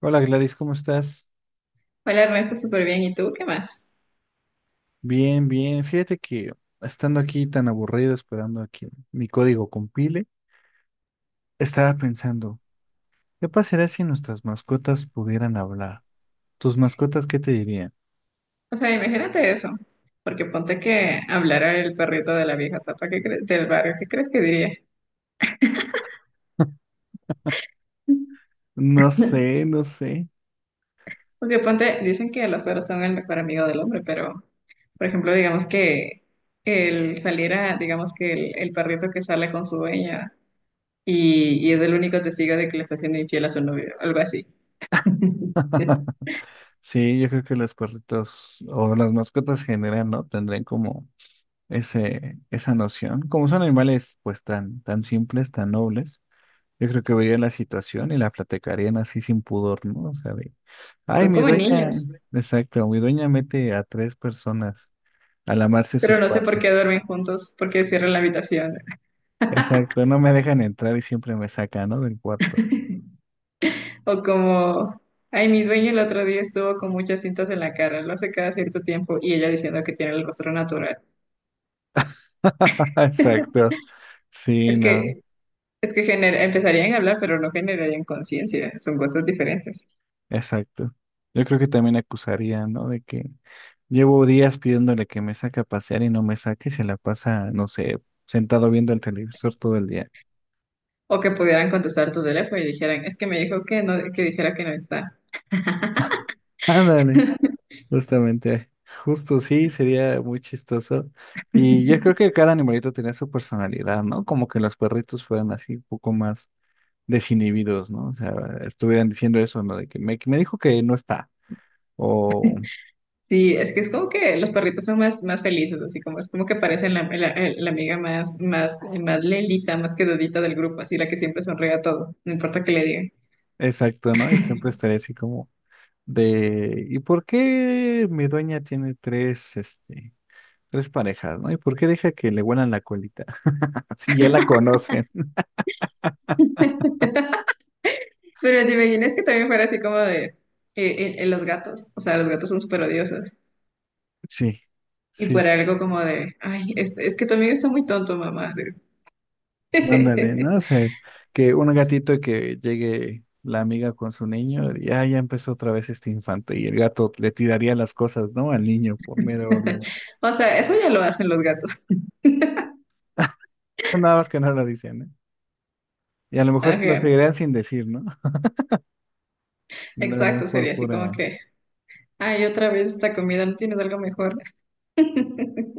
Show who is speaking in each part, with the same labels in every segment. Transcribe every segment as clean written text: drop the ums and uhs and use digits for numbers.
Speaker 1: Hola Gladys, ¿cómo estás?
Speaker 2: Hola Ernesto, súper bien. ¿Y tú qué más?
Speaker 1: Bien, bien. Fíjate que estando aquí tan aburrido, esperando a que mi código compile, estaba pensando, ¿qué pasaría si nuestras mascotas pudieran hablar? ¿Tus mascotas qué te dirían?
Speaker 2: O sea, imagínate eso. Porque ponte que hablara el perrito de la vieja zapa del barrio, ¿qué crees que diría?
Speaker 1: No sé, no sé.
Speaker 2: Porque ponte, dicen que los perros son el mejor amigo del hombre, pero, por ejemplo, digamos que él saliera, digamos que el perrito que sale con su dueña y es el único testigo de que le está haciendo infiel a su novio, algo así.
Speaker 1: Sí, yo creo que los perritos o las mascotas en general, ¿no? Tendrían como esa noción. Como son animales pues tan, tan simples, tan nobles. Yo creo que verían la situación y la platicarían así sin pudor, ¿no? O sea, ay,
Speaker 2: Son
Speaker 1: mi
Speaker 2: como
Speaker 1: dueña,
Speaker 2: niños,
Speaker 1: exacto, mi dueña mete a tres personas a lamarse
Speaker 2: pero
Speaker 1: sus
Speaker 2: no sé por qué
Speaker 1: partes.
Speaker 2: duermen juntos, porque cierran la habitación.
Speaker 1: Exacto, no me dejan entrar y siempre me sacan, ¿no? Del cuarto.
Speaker 2: O como, ay, mi dueño el otro día estuvo con muchas cintas en la cara, lo hace cada cierto tiempo, y ella diciendo que tiene el rostro natural.
Speaker 1: Exacto, sí,
Speaker 2: Es
Speaker 1: no,
Speaker 2: que, empezarían a hablar, pero no generarían conciencia, son cosas diferentes.
Speaker 1: exacto. Yo creo que también acusarían, ¿no? De que llevo días pidiéndole que me saque a pasear y no me saque y se la pasa, no sé, sentado viendo el televisor todo el día.
Speaker 2: O que pudieran contestar tu teléfono y dijeran, es que me dijo que no, que dijera que no está.
Speaker 1: Ándale. Justamente, justo sí, sería muy chistoso. Y yo creo que cada animalito tenía su personalidad, ¿no? Como que los perritos fueran así un poco más desinhibidos, ¿no? O sea, estuvieran diciendo eso, ¿no? De que me dijo que no está. O
Speaker 2: Sí, es que es como que los perritos son más, más felices, así como es como que parecen la amiga más, más, más lelita, más quedadita del grupo, así la que siempre sonríe a todo, no importa qué le digan.
Speaker 1: exacto, ¿no? Y siempre estaría así como de, ¿y por qué mi dueña tiene tres parejas, ¿no? ¿Y por qué deja que le huelan la colita? Así ya la conocen.
Speaker 2: Pero te imaginas que también fuera así como de los gatos. O sea, los gatos son súper odiosos.
Speaker 1: Sí,
Speaker 2: Y
Speaker 1: sí, sí.
Speaker 2: fuera algo como de, ay, es que tu amigo está muy tonto, mamá.
Speaker 1: Ándale, ¿no? O sea, que un gatito que llegue la amiga con su niño, y ah, ya empezó otra vez este infante, y el gato le tiraría las cosas, ¿no? Al niño por mero odio.
Speaker 2: O sea, eso ya lo hacen los gatos.
Speaker 1: Nada más que no lo dicen, ¿eh? Y a lo mejor lo
Speaker 2: Ajá.
Speaker 1: seguirían sin decir, ¿no? Lo harían
Speaker 2: Exacto,
Speaker 1: por
Speaker 2: sería así como
Speaker 1: pura
Speaker 2: que, ay, otra vez esta comida, ¿no tienes algo mejor?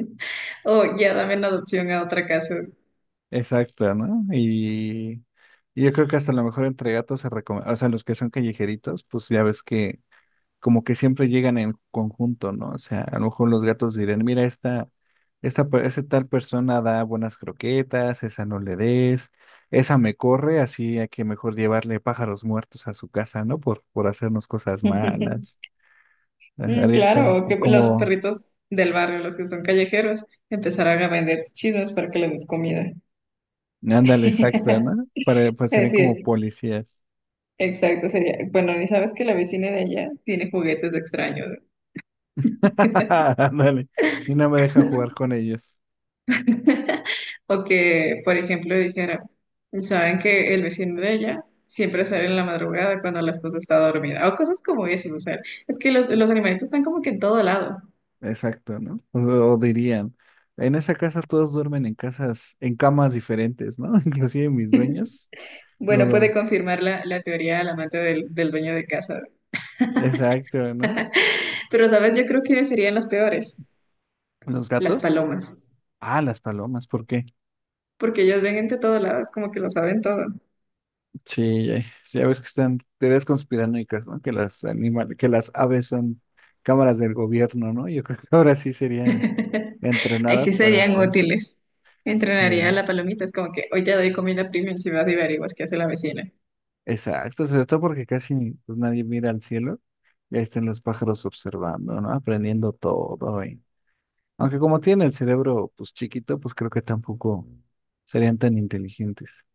Speaker 2: O ya dame en adopción a otra casa.
Speaker 1: exacta, ¿no? Y yo creo que hasta a lo mejor entre gatos se recomienda, o sea, los que son callejeritos, pues ya ves que como que siempre llegan en conjunto, ¿no? O sea, a lo mejor los gatos dirán, mira, esta, esa tal persona da buenas croquetas, esa no le des, esa me corre, así hay que mejor llevarle pájaros muertos a su casa, ¿no? Por hacernos cosas malas. Ajá,
Speaker 2: Mm,
Speaker 1: ahí está,
Speaker 2: claro, o
Speaker 1: o
Speaker 2: que los
Speaker 1: como,
Speaker 2: perritos del barrio, los que son callejeros, empezarán a vender chismes para que les des comida.
Speaker 1: ándale, exacta, ¿no? Para, pues
Speaker 2: Es
Speaker 1: serían como
Speaker 2: decir,
Speaker 1: policías.
Speaker 2: exacto, sería, bueno, ni sabes que la vecina de allá tiene juguetes extraños.
Speaker 1: Ándale, y no me deja jugar con ellos.
Speaker 2: O que, por ejemplo, dijera, saben que el vecino de ella siempre sale en la madrugada cuando la esposa está dormida, o cosas como eso, o sea, es que los animalitos están como que en todo lado.
Speaker 1: Exacto, ¿no? O dirían, en esa casa todos duermen en casas, en camas diferentes, ¿no? Inclusive mis dueños no
Speaker 2: Bueno, puede
Speaker 1: duermen.
Speaker 2: confirmar la teoría del amante del dueño de casa.
Speaker 1: Exacto, ¿no?
Speaker 2: Pero, ¿sabes? Yo creo que serían los peores,
Speaker 1: ¿Los
Speaker 2: las
Speaker 1: gatos?
Speaker 2: palomas,
Speaker 1: Ah, las palomas, ¿por qué?
Speaker 2: porque ellos ven entre todos lados, como que lo saben todo.
Speaker 1: Sí, ya, sí, ya ves que están teorías conspiranoicas, ¿no? Que las animales, que las aves son cámaras del gobierno, ¿no? Yo creo que ahora sí serían
Speaker 2: Ahí sí
Speaker 1: entrenadas para
Speaker 2: serían
Speaker 1: estar.
Speaker 2: útiles. Entrenaría a
Speaker 1: Sí,
Speaker 2: la palomita, es como que hoy te doy comida premium si vas y averiguas qué hace la vecina.
Speaker 1: exacto, sobre todo porque casi pues, nadie mira al cielo. Ya están los pájaros observando, ¿no? Aprendiendo todo. Aunque como tiene el cerebro pues chiquito, pues creo que tampoco serían tan inteligentes.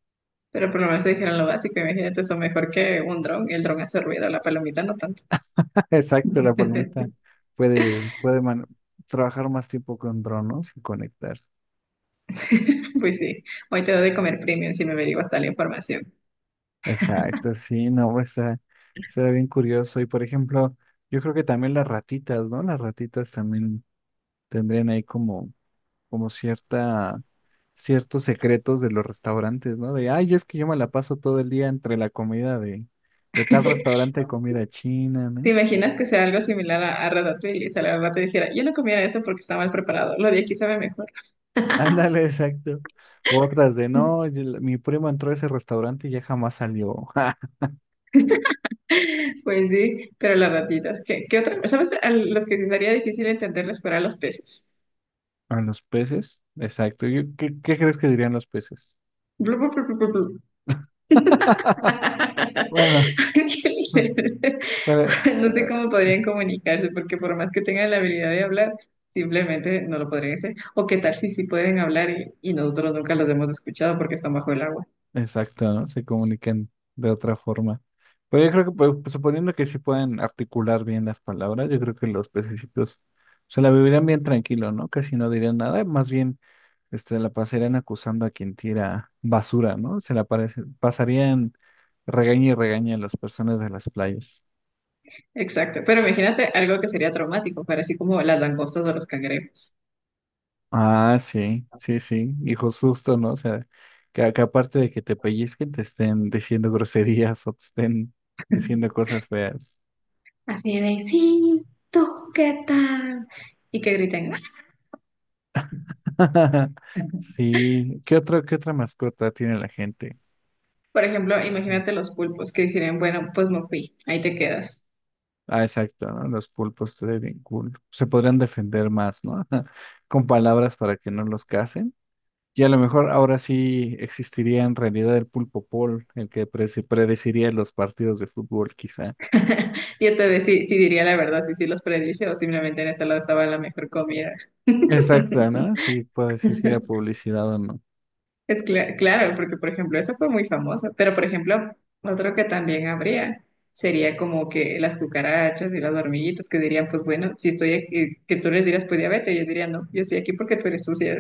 Speaker 2: Pero por lo menos se dijeron lo básico, imagínate, eso mejor que un dron, el dron hace ruido, la palomita no tanto.
Speaker 1: Exacto, la palomita puede, puede man- trabajar más tiempo con drones y conectarse.
Speaker 2: Pues sí, hoy te doy de comer premium si me averiguas tal información.
Speaker 1: Exacto, sí, no, pues, está bien curioso. Y por ejemplo, yo creo que también las ratitas, ¿no? Las ratitas también tendrían ahí como, como ciertos secretos de los restaurantes, ¿no? De, ay, es que yo me la paso todo el día entre la comida de tal restaurante de comida china,
Speaker 2: ¿Te
Speaker 1: no.
Speaker 2: imaginas que sea algo similar a Ratatouille? Y sale la rata y dijera, yo no comiera eso porque está mal preparado, lo de aquí sabe mejor.
Speaker 1: Ándale, exacto. U otras de no, mi primo entró a ese restaurante y ya jamás salió.
Speaker 2: Pues sí, pero las ratitas, ¿qué, qué otra? ¿Sabes? A los que sí sería difícil entenderles fuera a los peces.
Speaker 1: A los peces, exacto. ¿Qué crees que dirían los peces?
Speaker 2: Blu, blu, blu, blu, blu, blu. Ángel,
Speaker 1: Bueno, bueno.
Speaker 2: no sé cómo podrían comunicarse, porque por más que tengan la habilidad de hablar, simplemente no lo podrían hacer. O qué tal si sí pueden hablar y nosotros nunca los hemos escuchado porque están bajo el agua.
Speaker 1: Exacto, ¿no? Se comunican de otra forma. Pero yo creo que, pues, suponiendo que sí pueden articular bien las palabras, yo creo que los pececitos se la vivirían bien tranquilo, ¿no? Casi no dirían nada, más bien la pasarían acusando a quien tira basura, ¿no? Pasarían regaña y regaña a las personas de las playas.
Speaker 2: Exacto. Pero imagínate algo que sería traumático, para así como las langostas o los cangrejos.
Speaker 1: Ah, sí, sí, sí, hijo susto, ¿no? O sea, que aparte de que te pellizquen, te estén diciendo groserías o te estén diciendo cosas feas.
Speaker 2: Así de, sí, tú, ¿qué tal? Y que griten. "Ah".
Speaker 1: Sí, ¿qué otra mascota tiene la gente?
Speaker 2: Por ejemplo, imagínate los pulpos que dirían, bueno, pues no fui, ahí te quedas.
Speaker 1: Ah, exacto, ¿no? Los pulpos estaría bien cool. Se podrían defender más, ¿no? Con palabras para que no los casen. Y a lo mejor ahora sí existiría en realidad el pulpo Paul, el que predeciría los partidos de fútbol, quizá.
Speaker 2: Yo te decía, sí, sí diría la verdad, si sí los predice o simplemente en ese lado estaba la mejor comida.
Speaker 1: Exacto, ¿no? Sí, puedo decir si era publicidad o no.
Speaker 2: Claro, porque por ejemplo, eso fue muy famoso, pero por ejemplo, otro que también habría sería como que las cucarachas y las hormiguitas que dirían, pues bueno, si estoy aquí, que tú les dirás, pues diabetes, ellos dirían, no, yo estoy aquí porque tú eres sucia.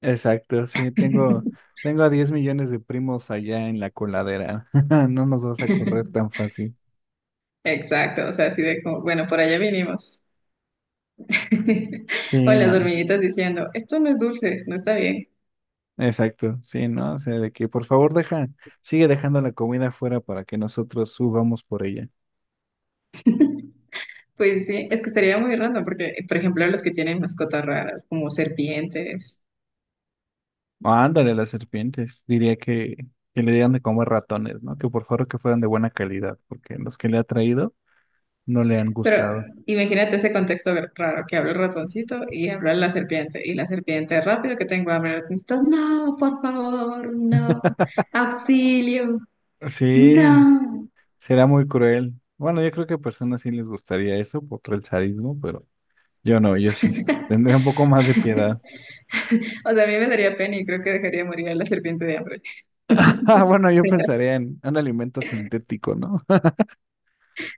Speaker 1: Exacto, sí, tengo, tengo a 10 millones de primos allá en la coladera. No nos vas a correr tan fácil.
Speaker 2: Exacto, o sea, así de como, bueno, por allá vinimos. O
Speaker 1: Sí,
Speaker 2: las
Speaker 1: no.
Speaker 2: hormiguitas diciendo, esto no es dulce, no está bien.
Speaker 1: Exacto, sí, ¿no? O sea, de que por favor deja, sigue dejando la comida afuera para que nosotros subamos por ella.
Speaker 2: Pues sí, es que sería muy random porque, por ejemplo, los que tienen mascotas raras, como serpientes,
Speaker 1: Ándale, las serpientes. Diría que le digan de comer ratones, ¿no? Que por favor que fueran de buena calidad, porque los que le ha traído no le han
Speaker 2: pero
Speaker 1: gustado.
Speaker 2: imagínate ese contexto raro que habla el ratoncito y habla la serpiente, y la serpiente, rápido que tengo hambre, el ratoncito, no, por favor, no, avión,
Speaker 1: Sí,
Speaker 2: no.
Speaker 1: será muy cruel. Bueno, yo creo que a personas sí les gustaría eso por el sadismo, pero yo no, yo sí tendría un poco más de piedad.
Speaker 2: O sea, a mí me daría pena y creo que dejaría morir a la serpiente de hambre.
Speaker 1: Ah, bueno, yo pensaría en un alimento sintético, ¿no?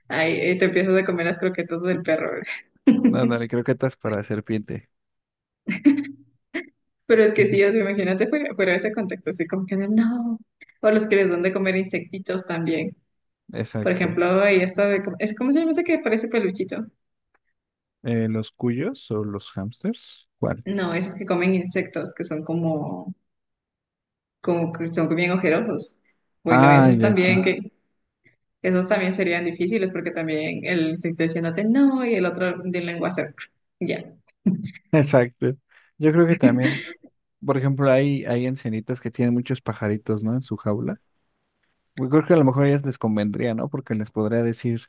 Speaker 2: Ay, te empiezas a comer las croquetas del perro.
Speaker 1: Ándale, creo que estás para serpiente.
Speaker 2: Pero es que sí, o sea, imagínate fuera de ese contexto, así como que no. O los que les dan de comer insectitos también. Por
Speaker 1: Exacto.
Speaker 2: ejemplo, ahí está de, es ¿cómo se llama ese que parece peluchito?
Speaker 1: ¿Los cuyos o los hamsters? ¿Cuál?
Speaker 2: No, esos que comen insectos, que son como, como que son bien ojerosos. Bueno,
Speaker 1: Ah,
Speaker 2: esos
Speaker 1: ya
Speaker 2: también.
Speaker 1: sé.
Speaker 2: Ah, que, esos también serían difíciles porque también el insecto diciéndote no y el otro de lengua hacer ya.
Speaker 1: Exacto. Yo creo que también, por ejemplo, hay ancianitas que tienen muchos pajaritos, ¿no? En su jaula. Yo creo que a lo mejor a ellas les convendría, ¿no? Porque les podría decir,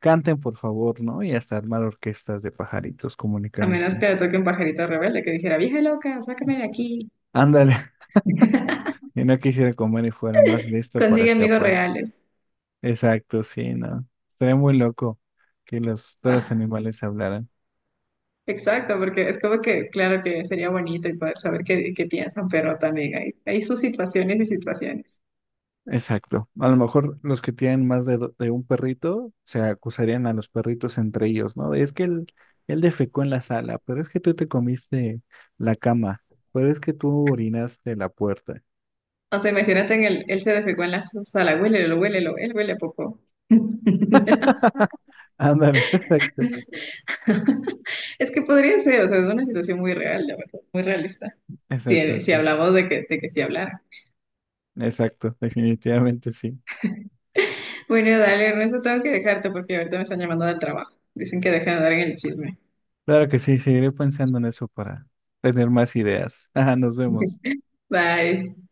Speaker 1: canten por favor, ¿no? Y hasta armar orquestas de pajaritos
Speaker 2: A menos
Speaker 1: comunicándose.
Speaker 2: que le toque un pajarito rebelde que dijera, vieja loca, sácame de aquí,
Speaker 1: Ándale, y no quisiera comer y fuera más listo para
Speaker 2: consigue amigos
Speaker 1: escapar.
Speaker 2: reales.
Speaker 1: Exacto, sí, ¿no? Estaría muy loco que los, todos los
Speaker 2: Ah.
Speaker 1: animales hablaran.
Speaker 2: Exacto, porque es como que, claro que sería bonito y poder saber qué, qué piensan, pero también hay sus situaciones y situaciones.
Speaker 1: Exacto. A lo mejor los que tienen más de un perrito se acusarían a los perritos entre ellos, ¿no? De, es que él defecó en la sala, pero es que tú te comiste la cama, pero es que tú orinaste la puerta.
Speaker 2: O sea, imagínate en el, él se defecó en la sala, huélelo, huélelo, él huele poco.
Speaker 1: Ándale, exacto,
Speaker 2: Es que podría ser, o sea, es una situación muy real, la verdad, muy realista.
Speaker 1: exacto,
Speaker 2: Si, si
Speaker 1: sí.
Speaker 2: hablamos de que sí hablara.
Speaker 1: Exacto, definitivamente sí.
Speaker 2: Bueno, dale, Ernesto, tengo que dejarte porque ahorita me están llamando del trabajo. Dicen que dejen de dar en el chisme.
Speaker 1: Claro que sí, seguiré pensando en eso para tener más ideas. Ajá, nos vemos.
Speaker 2: Bye.